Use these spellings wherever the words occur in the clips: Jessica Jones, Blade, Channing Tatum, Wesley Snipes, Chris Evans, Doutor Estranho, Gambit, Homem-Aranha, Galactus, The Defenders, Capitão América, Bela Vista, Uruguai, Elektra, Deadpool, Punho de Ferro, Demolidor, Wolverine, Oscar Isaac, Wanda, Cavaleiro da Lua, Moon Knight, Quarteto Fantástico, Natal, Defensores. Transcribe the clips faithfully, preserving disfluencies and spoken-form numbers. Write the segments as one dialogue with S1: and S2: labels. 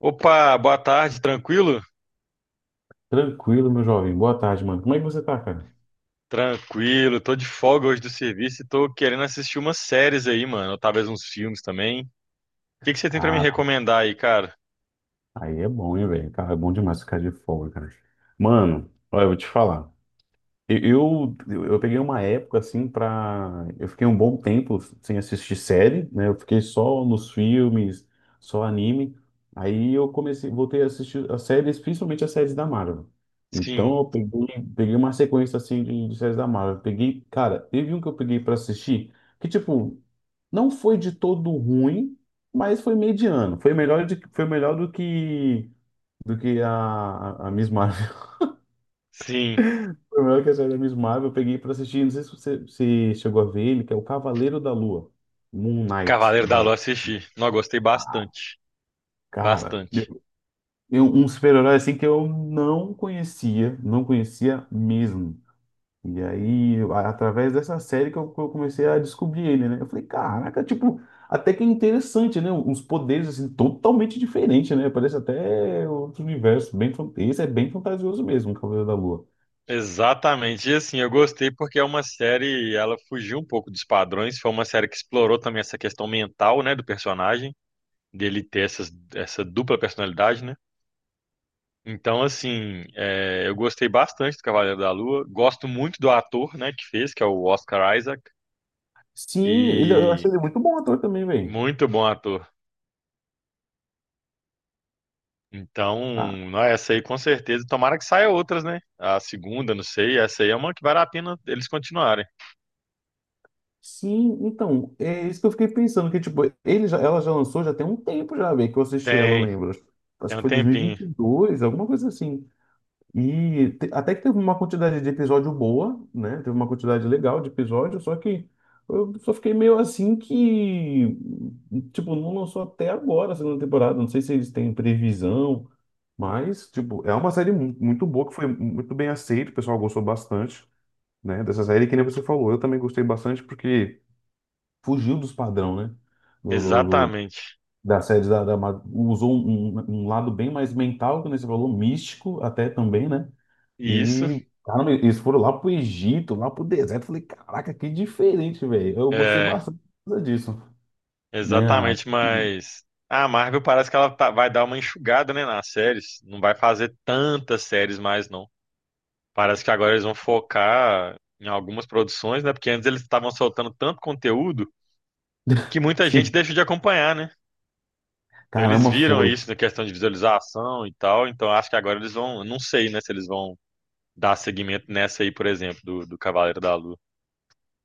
S1: Opa, boa tarde, tranquilo?
S2: Tranquilo, meu jovem. Boa tarde, mano. Como é que você tá, cara?
S1: Tranquilo, tô de folga hoje do serviço e tô querendo assistir umas séries aí, mano, ou talvez uns filmes também. O que que você tem pra me
S2: Cara,
S1: recomendar aí, cara?
S2: aí é bom, hein, velho? Cara, é bom demais ficar de folga, cara. Mano, olha, eu vou te falar. Eu, eu, eu peguei uma época assim pra. Eu fiquei um bom tempo sem assistir série, né? Eu fiquei só nos filmes, só anime. Aí eu comecei, voltei a assistir as séries, principalmente as séries da Marvel. Então
S1: Sim,
S2: eu peguei, peguei uma sequência assim de, de séries da Marvel. Peguei, cara, teve um que eu peguei pra assistir que tipo não foi de todo ruim, mas foi mediano. Foi melhor de, foi melhor do que do que a, a a Miss Marvel
S1: sim,
S2: primeiro que saiu da Miss Marvel, eu peguei pra assistir, não sei se você se chegou a ver ele, que é o Cavaleiro da Lua, Moon Knight,
S1: Cavaleiro da
S2: da
S1: Lua assisti. Não, gostei bastante,
S2: cara,
S1: bastante.
S2: eu- eu- um super-herói assim que eu não conhecia, não conhecia mesmo. E aí, a- através dessa série que eu, que eu comecei a descobrir ele, né? Eu falei, caraca, tipo, até que é interessante, né? Uns poderes assim totalmente diferentes, né? Parece até outro universo, bem, fan- esse é bem fantasioso mesmo, o Cavaleiro da Lua.
S1: Exatamente, e assim, eu gostei porque é uma série, ela fugiu um pouco dos padrões, foi uma série que explorou também essa questão mental, né, do personagem, dele ter essas, essa dupla personalidade, né? Então, assim, é, eu gostei bastante do Cavaleiro da Lua. Gosto muito do ator, né, que fez, que é o Oscar Isaac.
S2: Sim, ele, eu
S1: E
S2: achei ele muito bom ator também, velho.
S1: muito bom ator. Então,
S2: Tá.
S1: não, essa aí com certeza. Tomara que saia outras, né? A segunda, não sei. Essa aí é uma que vale a pena eles continuarem.
S2: Sim, então, é isso que eu fiquei pensando, que tipo, ele já, ela já lançou já tem um tempo já, bem, que eu assisti ela, eu
S1: Tem,
S2: lembro. Acho
S1: tem
S2: que
S1: um
S2: foi
S1: tempinho.
S2: dois mil e vinte e dois, alguma coisa assim. E te- até que teve uma quantidade de episódio boa, né? Teve uma quantidade legal de episódio, só que eu só fiquei meio assim que, tipo, não lançou até agora a segunda temporada. Não sei se eles têm previsão, mas, tipo, é uma série mu- muito boa, que foi muito bem aceita, o pessoal gostou bastante, né? Dessa série, que nem você falou, eu também gostei bastante porque fugiu dos padrão, né? Do, do- do-
S1: Exatamente.
S2: da série da, da Ma- usou um, um- um lado bem mais mental, que nem você falou, místico até também, né?
S1: Isso,
S2: E caramba, eles foram lá pro Egito, lá pro deserto. Eu falei, caraca, que diferente, velho. Eu gostei
S1: é,
S2: bastante disso, né? Ah,
S1: exatamente, mas a Marvel parece que ela tá- vai dar uma enxugada, né, nas séries. Não vai fazer tantas séries mais, não. Parece que agora eles vão focar em algumas produções, né? Porque antes eles estavam soltando tanto conteúdo que muita gente
S2: sim,
S1: deixou de acompanhar, né? Então eles
S2: caramba,
S1: viram
S2: foi.
S1: isso na questão de visualização e tal. Então acho que agora eles vão. Não sei, né? Se eles vão dar seguimento nessa aí, por exemplo, do, do Cavaleiro da Lua.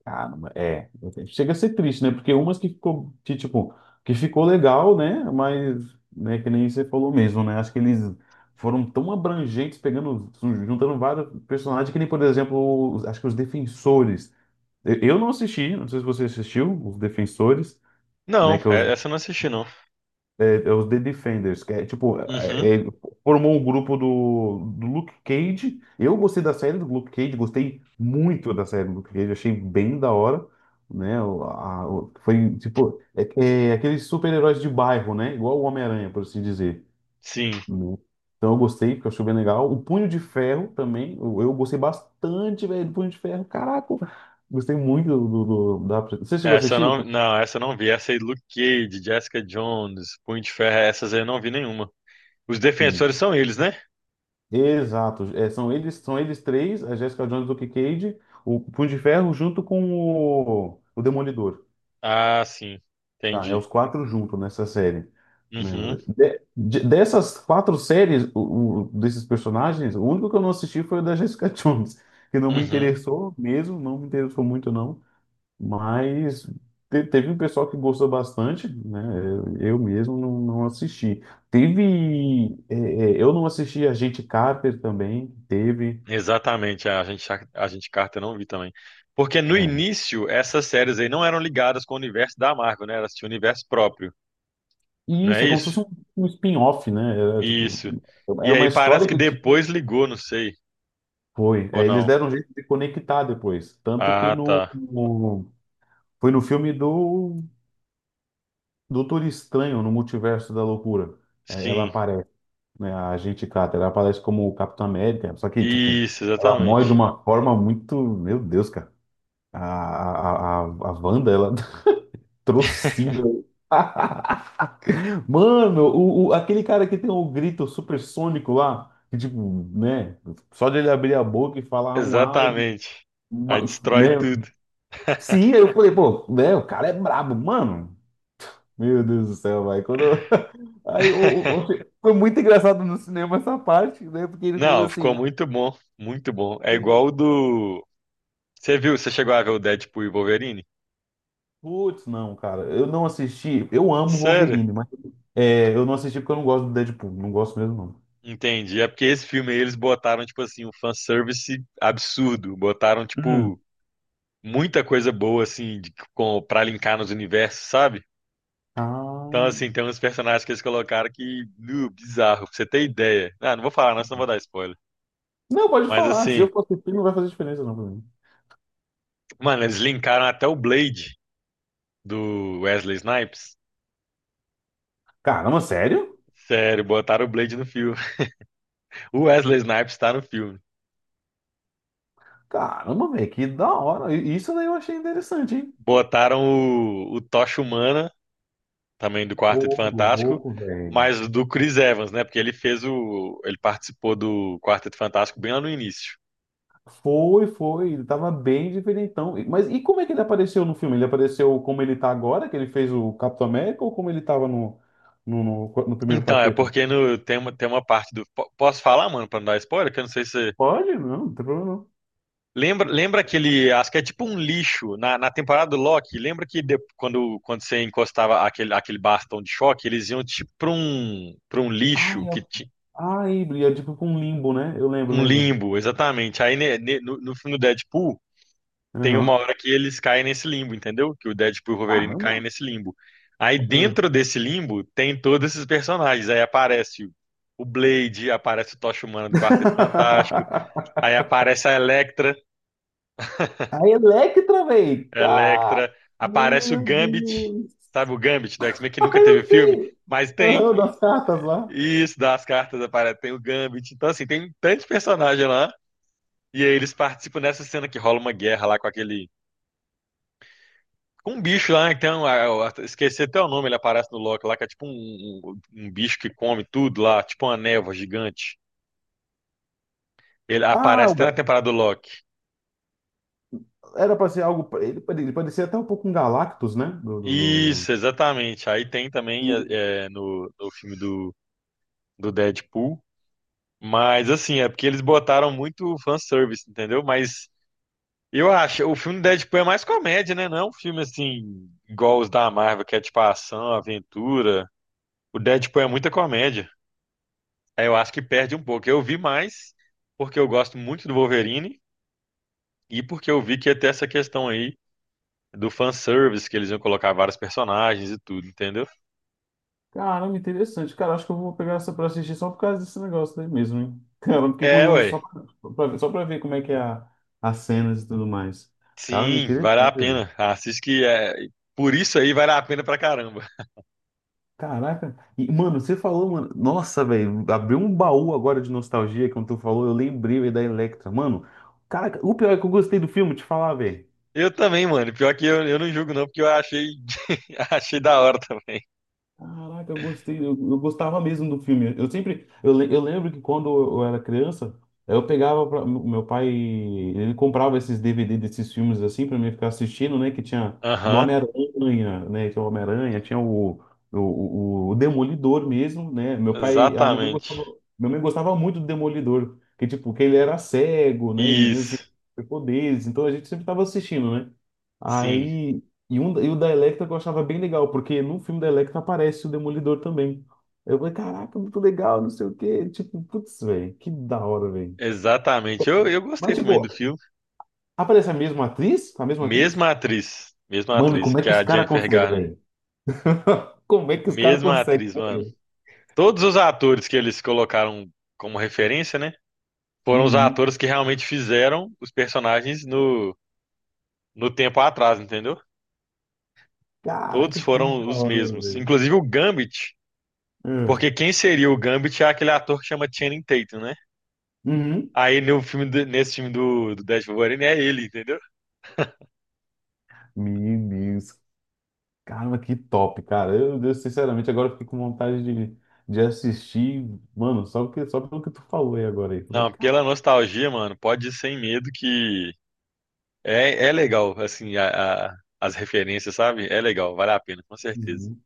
S2: Caramba, é. Chega a ser triste, né? Porque umas que ficou, que, tipo, que ficou legal, né? Mas, né, que nem você falou mesmo, né? Acho que eles foram tão abrangentes, pegando, juntando vários personagens, que nem, por exemplo, os- acho que os Defensores. Eu eu não assisti, não sei se você assistiu, os Defensores, né?
S1: Não,
S2: Que é os
S1: é- essa eu não assisti, não.
S2: é, é os The Defenders, que é tipo,
S1: Uhum,
S2: é, é- formou o grupo do, do Luke Cage. Eu gostei da série do Luke Cage, gostei muito da série do Luke Cage, achei bem da hora, né? O- a- o- foi tipo, é, é aqueles super-heróis de bairro, né? Igual o Homem-Aranha, por assim dizer.
S1: sim.
S2: Né? Então eu gostei, porque eu achei bem legal. O Punho de Ferro também, eu, eu gostei bastante, velho, do Punho de Ferro. Caraca, gostei muito do, do- do- da. Você chegou a
S1: Essa eu
S2: assistir o
S1: não, não, essa eu não vi. Essa aí, Luke Cage, Jessica Jones, Punho de Ferro, essas aí eu não vi nenhuma. Os
S2: Punho?
S1: defensores são eles, né?
S2: Exato. É, são eles, são eles três, a Jessica Jones, o Cage, o Punho de Ferro junto com o, o Demolidor.
S1: Ah, sim.
S2: Tá, é os
S1: Entendi.
S2: quatro juntos nessa série. Né?
S1: Uhum,
S2: De- de- dessas quatro séries, o- o- desses personagens, o único que eu não assisti foi o da Jessica Jones, que não me
S1: uhum.
S2: interessou mesmo, não me interessou muito não, mas te- teve um pessoal que gostou bastante, né? Eu, eu mesmo não, não assisti. Teve, é, é, eu não assisti a Agente Carter também, teve.
S1: Exatamente, a gente, a gente Carter eu não vi também. Porque no
S2: É.
S1: início, essas séries aí não eram ligadas com o universo da Marvel, né? Elas tinham universo próprio,
S2: E
S1: não
S2: isso
S1: é
S2: é como se fosse
S1: isso?
S2: um, um spin-off, né? Era, tipo,
S1: Isso. E
S2: era
S1: aí
S2: uma
S1: parece
S2: história
S1: que
S2: que
S1: depois ligou, não sei,
S2: foi.
S1: ou
S2: É, eles
S1: não.
S2: deram um jeito de conectar depois. Tanto que
S1: Ah, tá.
S2: no, no- foi no filme do Doutor Estranho, no Multiverso da Loucura. É, ela
S1: Sim,
S2: aparece, né? A agente Carter, ela aparece como o Capitão América. Só que, tipo,
S1: isso,
S2: ela morre de
S1: exatamente.
S2: uma forma muito. Meu Deus, cara. A, a, a, a Wanda, ela trocida. Mano, o, o- aquele cara que tem o grito supersônico lá, que tipo, né? Só de ele abrir a boca e falar um A, ele,
S1: Exatamente. Aí
S2: ma-
S1: destrói
S2: né?
S1: tudo.
S2: Sim, aí eu falei, pô, né? O cara é brabo, mano. Meu Deus do céu, vai. Quando eu- Aí o- o- o- foi muito engraçado no cinema essa parte, né? Porque ele falou
S1: Não, ficou
S2: assim, "Ah,
S1: muito bom, muito bom. É igual o do. Você viu, você chegou a ver o Deadpool e o Wolverine?
S2: putz, não, cara, eu não assisti. Eu amo
S1: Sério?
S2: Wolverine, mas é, eu não assisti porque eu não gosto do Deadpool, não gosto mesmo, não.
S1: Entendi. É porque esse filme aí eles botaram, tipo assim, um fanservice absurdo. Botaram, tipo,
S2: Hum.
S1: muita coisa boa, assim, de, com, pra linkar nos universos, sabe?
S2: Ah.
S1: Então, assim, tem uns personagens que eles colocaram que, nu, bizarro, pra você ter ideia. Ah, não vou falar, não, senão vou dar spoiler.
S2: Não, pode
S1: Mas,
S2: falar. Se
S1: assim,
S2: eu for assistir, não vai fazer diferença, não, pra mim.
S1: mano, eles linkaram até o Blade do Wesley Snipes.
S2: Caramba, sério?
S1: Sério, botaram o Blade no filme. O Wesley Snipes tá no filme.
S2: Caramba, velho, que da hora. I- Isso daí eu achei interessante, hein?
S1: Botaram o, o Tocha Humana também do Quarteto
S2: Ô,
S1: Fantástico,
S2: louco, velho.
S1: mas do Chris Evans, né? Porque ele fez o. Ele participou do Quarteto Fantástico bem lá no início.
S2: Foi, foi. Ele tava bem diferentão. E- mas e como é que ele apareceu no filme? Ele apareceu como ele tá agora, que ele fez o Capitão América, ou como ele tava no, no, no, no primeiro
S1: Então, é
S2: quarteto?
S1: porque no, tem, uma, tem uma parte do. po- Posso falar, mano, pra não dar spoiler? Que eu não sei se. você-
S2: Pode? Não, não tem problema não.
S1: Lembra, lembra aquele. Acho que é tipo um lixo. Na, na temporada do Loki, lembra que de- quando, quando você encostava aquele, aquele bastão de choque, eles iam tipo pra um, pra um
S2: Ah,
S1: lixo que
S2: é,
S1: ti-
S2: ah, é, e é tipo com um limbo, né? Eu lembro,
S1: Um
S2: lembro.
S1: limbo, exatamente. Aí ne- ne- no, no filme do Deadpool, tem uma
S2: Aham.
S1: hora que eles caem nesse limbo, entendeu? Que o Deadpool e o Wolverine caem
S2: Caramba.
S1: nesse limbo. Aí
S2: Hum.
S1: dentro desse limbo tem todos esses personagens. Aí aparece o- o Blade, aparece o Tocha Humana do Quarteto Fantástico, aí aparece a Elektra,
S2: A Electra, velho! Cara,
S1: Elektra, aparece o
S2: meu
S1: Gambit,
S2: Deus!
S1: sabe o Gambit do X-Men que
S2: Ah,
S1: nunca teve
S2: eu
S1: filme,
S2: sei!
S1: mas tem
S2: Aham, das cartas lá.
S1: isso das cartas, aparece, tem o Gambit. Então assim, tem tantos personagens lá e aí eles participam dessa cena que rola uma guerra lá com aquele com um bicho lá, né? Que tem um, é, eu esqueci até o nome, ele aparece no Loki lá, que é tipo um, um, um um bicho que come tudo lá, tipo uma névoa gigante. Ele
S2: Ah,
S1: aparece
S2: o
S1: até na
S2: Ga-
S1: temporada do Loki.
S2: era pra ser algo. Ele pare- ele parecia até um pouco um Galactus, né? Do, do,
S1: Isso,
S2: do...
S1: exatamente. Aí tem também
S2: Sim.
S1: é, é, no, no filme do, do Deadpool. Mas assim, é porque eles botaram muito fanservice, entendeu? Mas eu acho, o filme do Deadpool é mais comédia, né? Não é um filme assim, igual os da Marvel, que é tipo ação, aventura. O Deadpool é muita comédia. É, eu acho que perde um pouco. Eu vi mais porque eu gosto muito do Wolverine e porque eu vi que ia ter essa questão aí do fanservice, que eles iam colocar vários personagens e tudo, entendeu?
S2: Caramba, interessante. Cara, acho que eu vou pegar essa pra assistir só por causa desse negócio aí mesmo, hein? Cara, eu fiquei
S1: É,
S2: curioso
S1: ué.
S2: só pra, só pra só pra ver como é que é a, as cenas e tudo mais. Cara,
S1: Sim, vale a
S2: interessante, velho.
S1: pena. Assiste que é. Por isso aí vale a pena pra caramba.
S2: Caraca. E, mano, você falou, mano. Nossa, velho. Abriu um baú agora de nostalgia quando tu falou. Eu lembrei, velho, da Electra. Mano, cara, o pior é que eu gostei do filme, te falar, velho.
S1: Eu também, mano. Pior que eu, eu não julgo, não, porque eu achei, achei da hora também.
S2: Caraca, eu gostei, eu, eu gostava mesmo do filme. Eu sempre, eu, le- eu lembro que quando eu era criança, eu pegava, pra, o meu pai, ele comprava esses D V D desses filmes assim pra mim ficar assistindo, né? Que tinha do
S1: Aham,
S2: Homem-Aranha, né? Tinha o Homem-Aranha, tinha o, o, o, o Demolidor mesmo, né? Meu pai, a minha mãe
S1: exatamente.
S2: gostava, minha mãe gostava muito do Demolidor, que tipo, que ele era cego, né? E mesmo
S1: Isso,
S2: assim, poderes, então a gente sempre tava assistindo, né?
S1: sim,
S2: Aí e, um, e o da Electra eu achava bem legal, porque no filme da Electra aparece o Demolidor também. Eu falei, caraca, muito legal, não sei o quê. Tipo, putz, velho, que da hora, velho.
S1: exatamente. Eu, eu gostei
S2: Mas,
S1: também do
S2: tipo,
S1: filme.
S2: aparece a mesma atriz? A mesma atriz?
S1: Mesma atriz, mesma
S2: Mano,
S1: atriz,
S2: como é
S1: que
S2: que
S1: é
S2: os
S1: a
S2: caras
S1: Jennifer
S2: conseguem,
S1: Garner.
S2: velho? Como é que os caras
S1: Mesma
S2: conseguem,
S1: atriz, mano.
S2: velho?
S1: Todos os atores que eles colocaram como referência, né? Foram os
S2: Uhum.
S1: atores que realmente fizeram os personagens no, no tempo atrás, entendeu? Todos
S2: Caraca, que
S1: foram
S2: da
S1: os
S2: hora,
S1: mesmos.
S2: velho.
S1: Inclusive o Gambit.
S2: Hum.
S1: Porque quem seria o Gambit é aquele ator que chama Channing Tatum, né?
S2: Uhum.
S1: Aí no filme do- nesse filme do, do Death Wolverine é ele, entendeu?
S2: Meu Deus. Caramba, que top, cara. Eu, eu, sinceramente, agora eu fiquei com vontade de, de assistir, mano, só, porque, só pelo que tu falou aí agora. Aí. Falei,
S1: Não, pela nostalgia, mano, pode ir sem medo que é, é legal, assim, a, a- as referências, sabe? É legal, vale a pena, com certeza.
S2: uhum.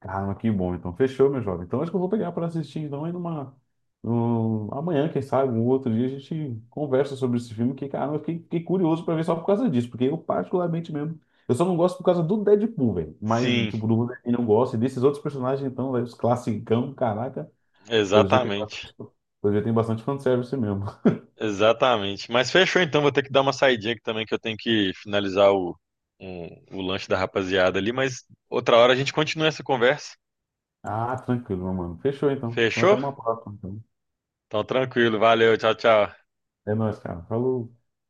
S2: Caramba, que bom. Então, fechou, meu jovem. Então, acho que eu vou pegar para assistir. Então, aí numa. num- amanhã, quem sabe, um outro dia, a gente conversa sobre esse filme. Que, caramba, eu fiquei, fiquei curioso para ver só por causa disso. Porque eu, particularmente mesmo. Eu só não gosto por causa do Deadpool, velho. Mas,
S1: Sim,
S2: tipo, do Wolverine eu não gosto. E desses outros personagens, então, velho, os classicão, caraca. Pelo jeito tem
S1: exatamente.
S2: bastante, pelo jeito tem bastante fanservice mesmo.
S1: Exatamente. Mas fechou então, vou ter que dar uma saidinha aqui também, que eu tenho que finalizar o, um- o lanche da rapaziada ali, mas outra hora a gente continua essa conversa.
S2: Ah, tranquilo, meu mano. Fechou, então. Então, até
S1: Fechou?
S2: uma próxima. Então.
S1: Então tranquilo, valeu, tchau, tchau.
S2: É nóis, cara. Falou.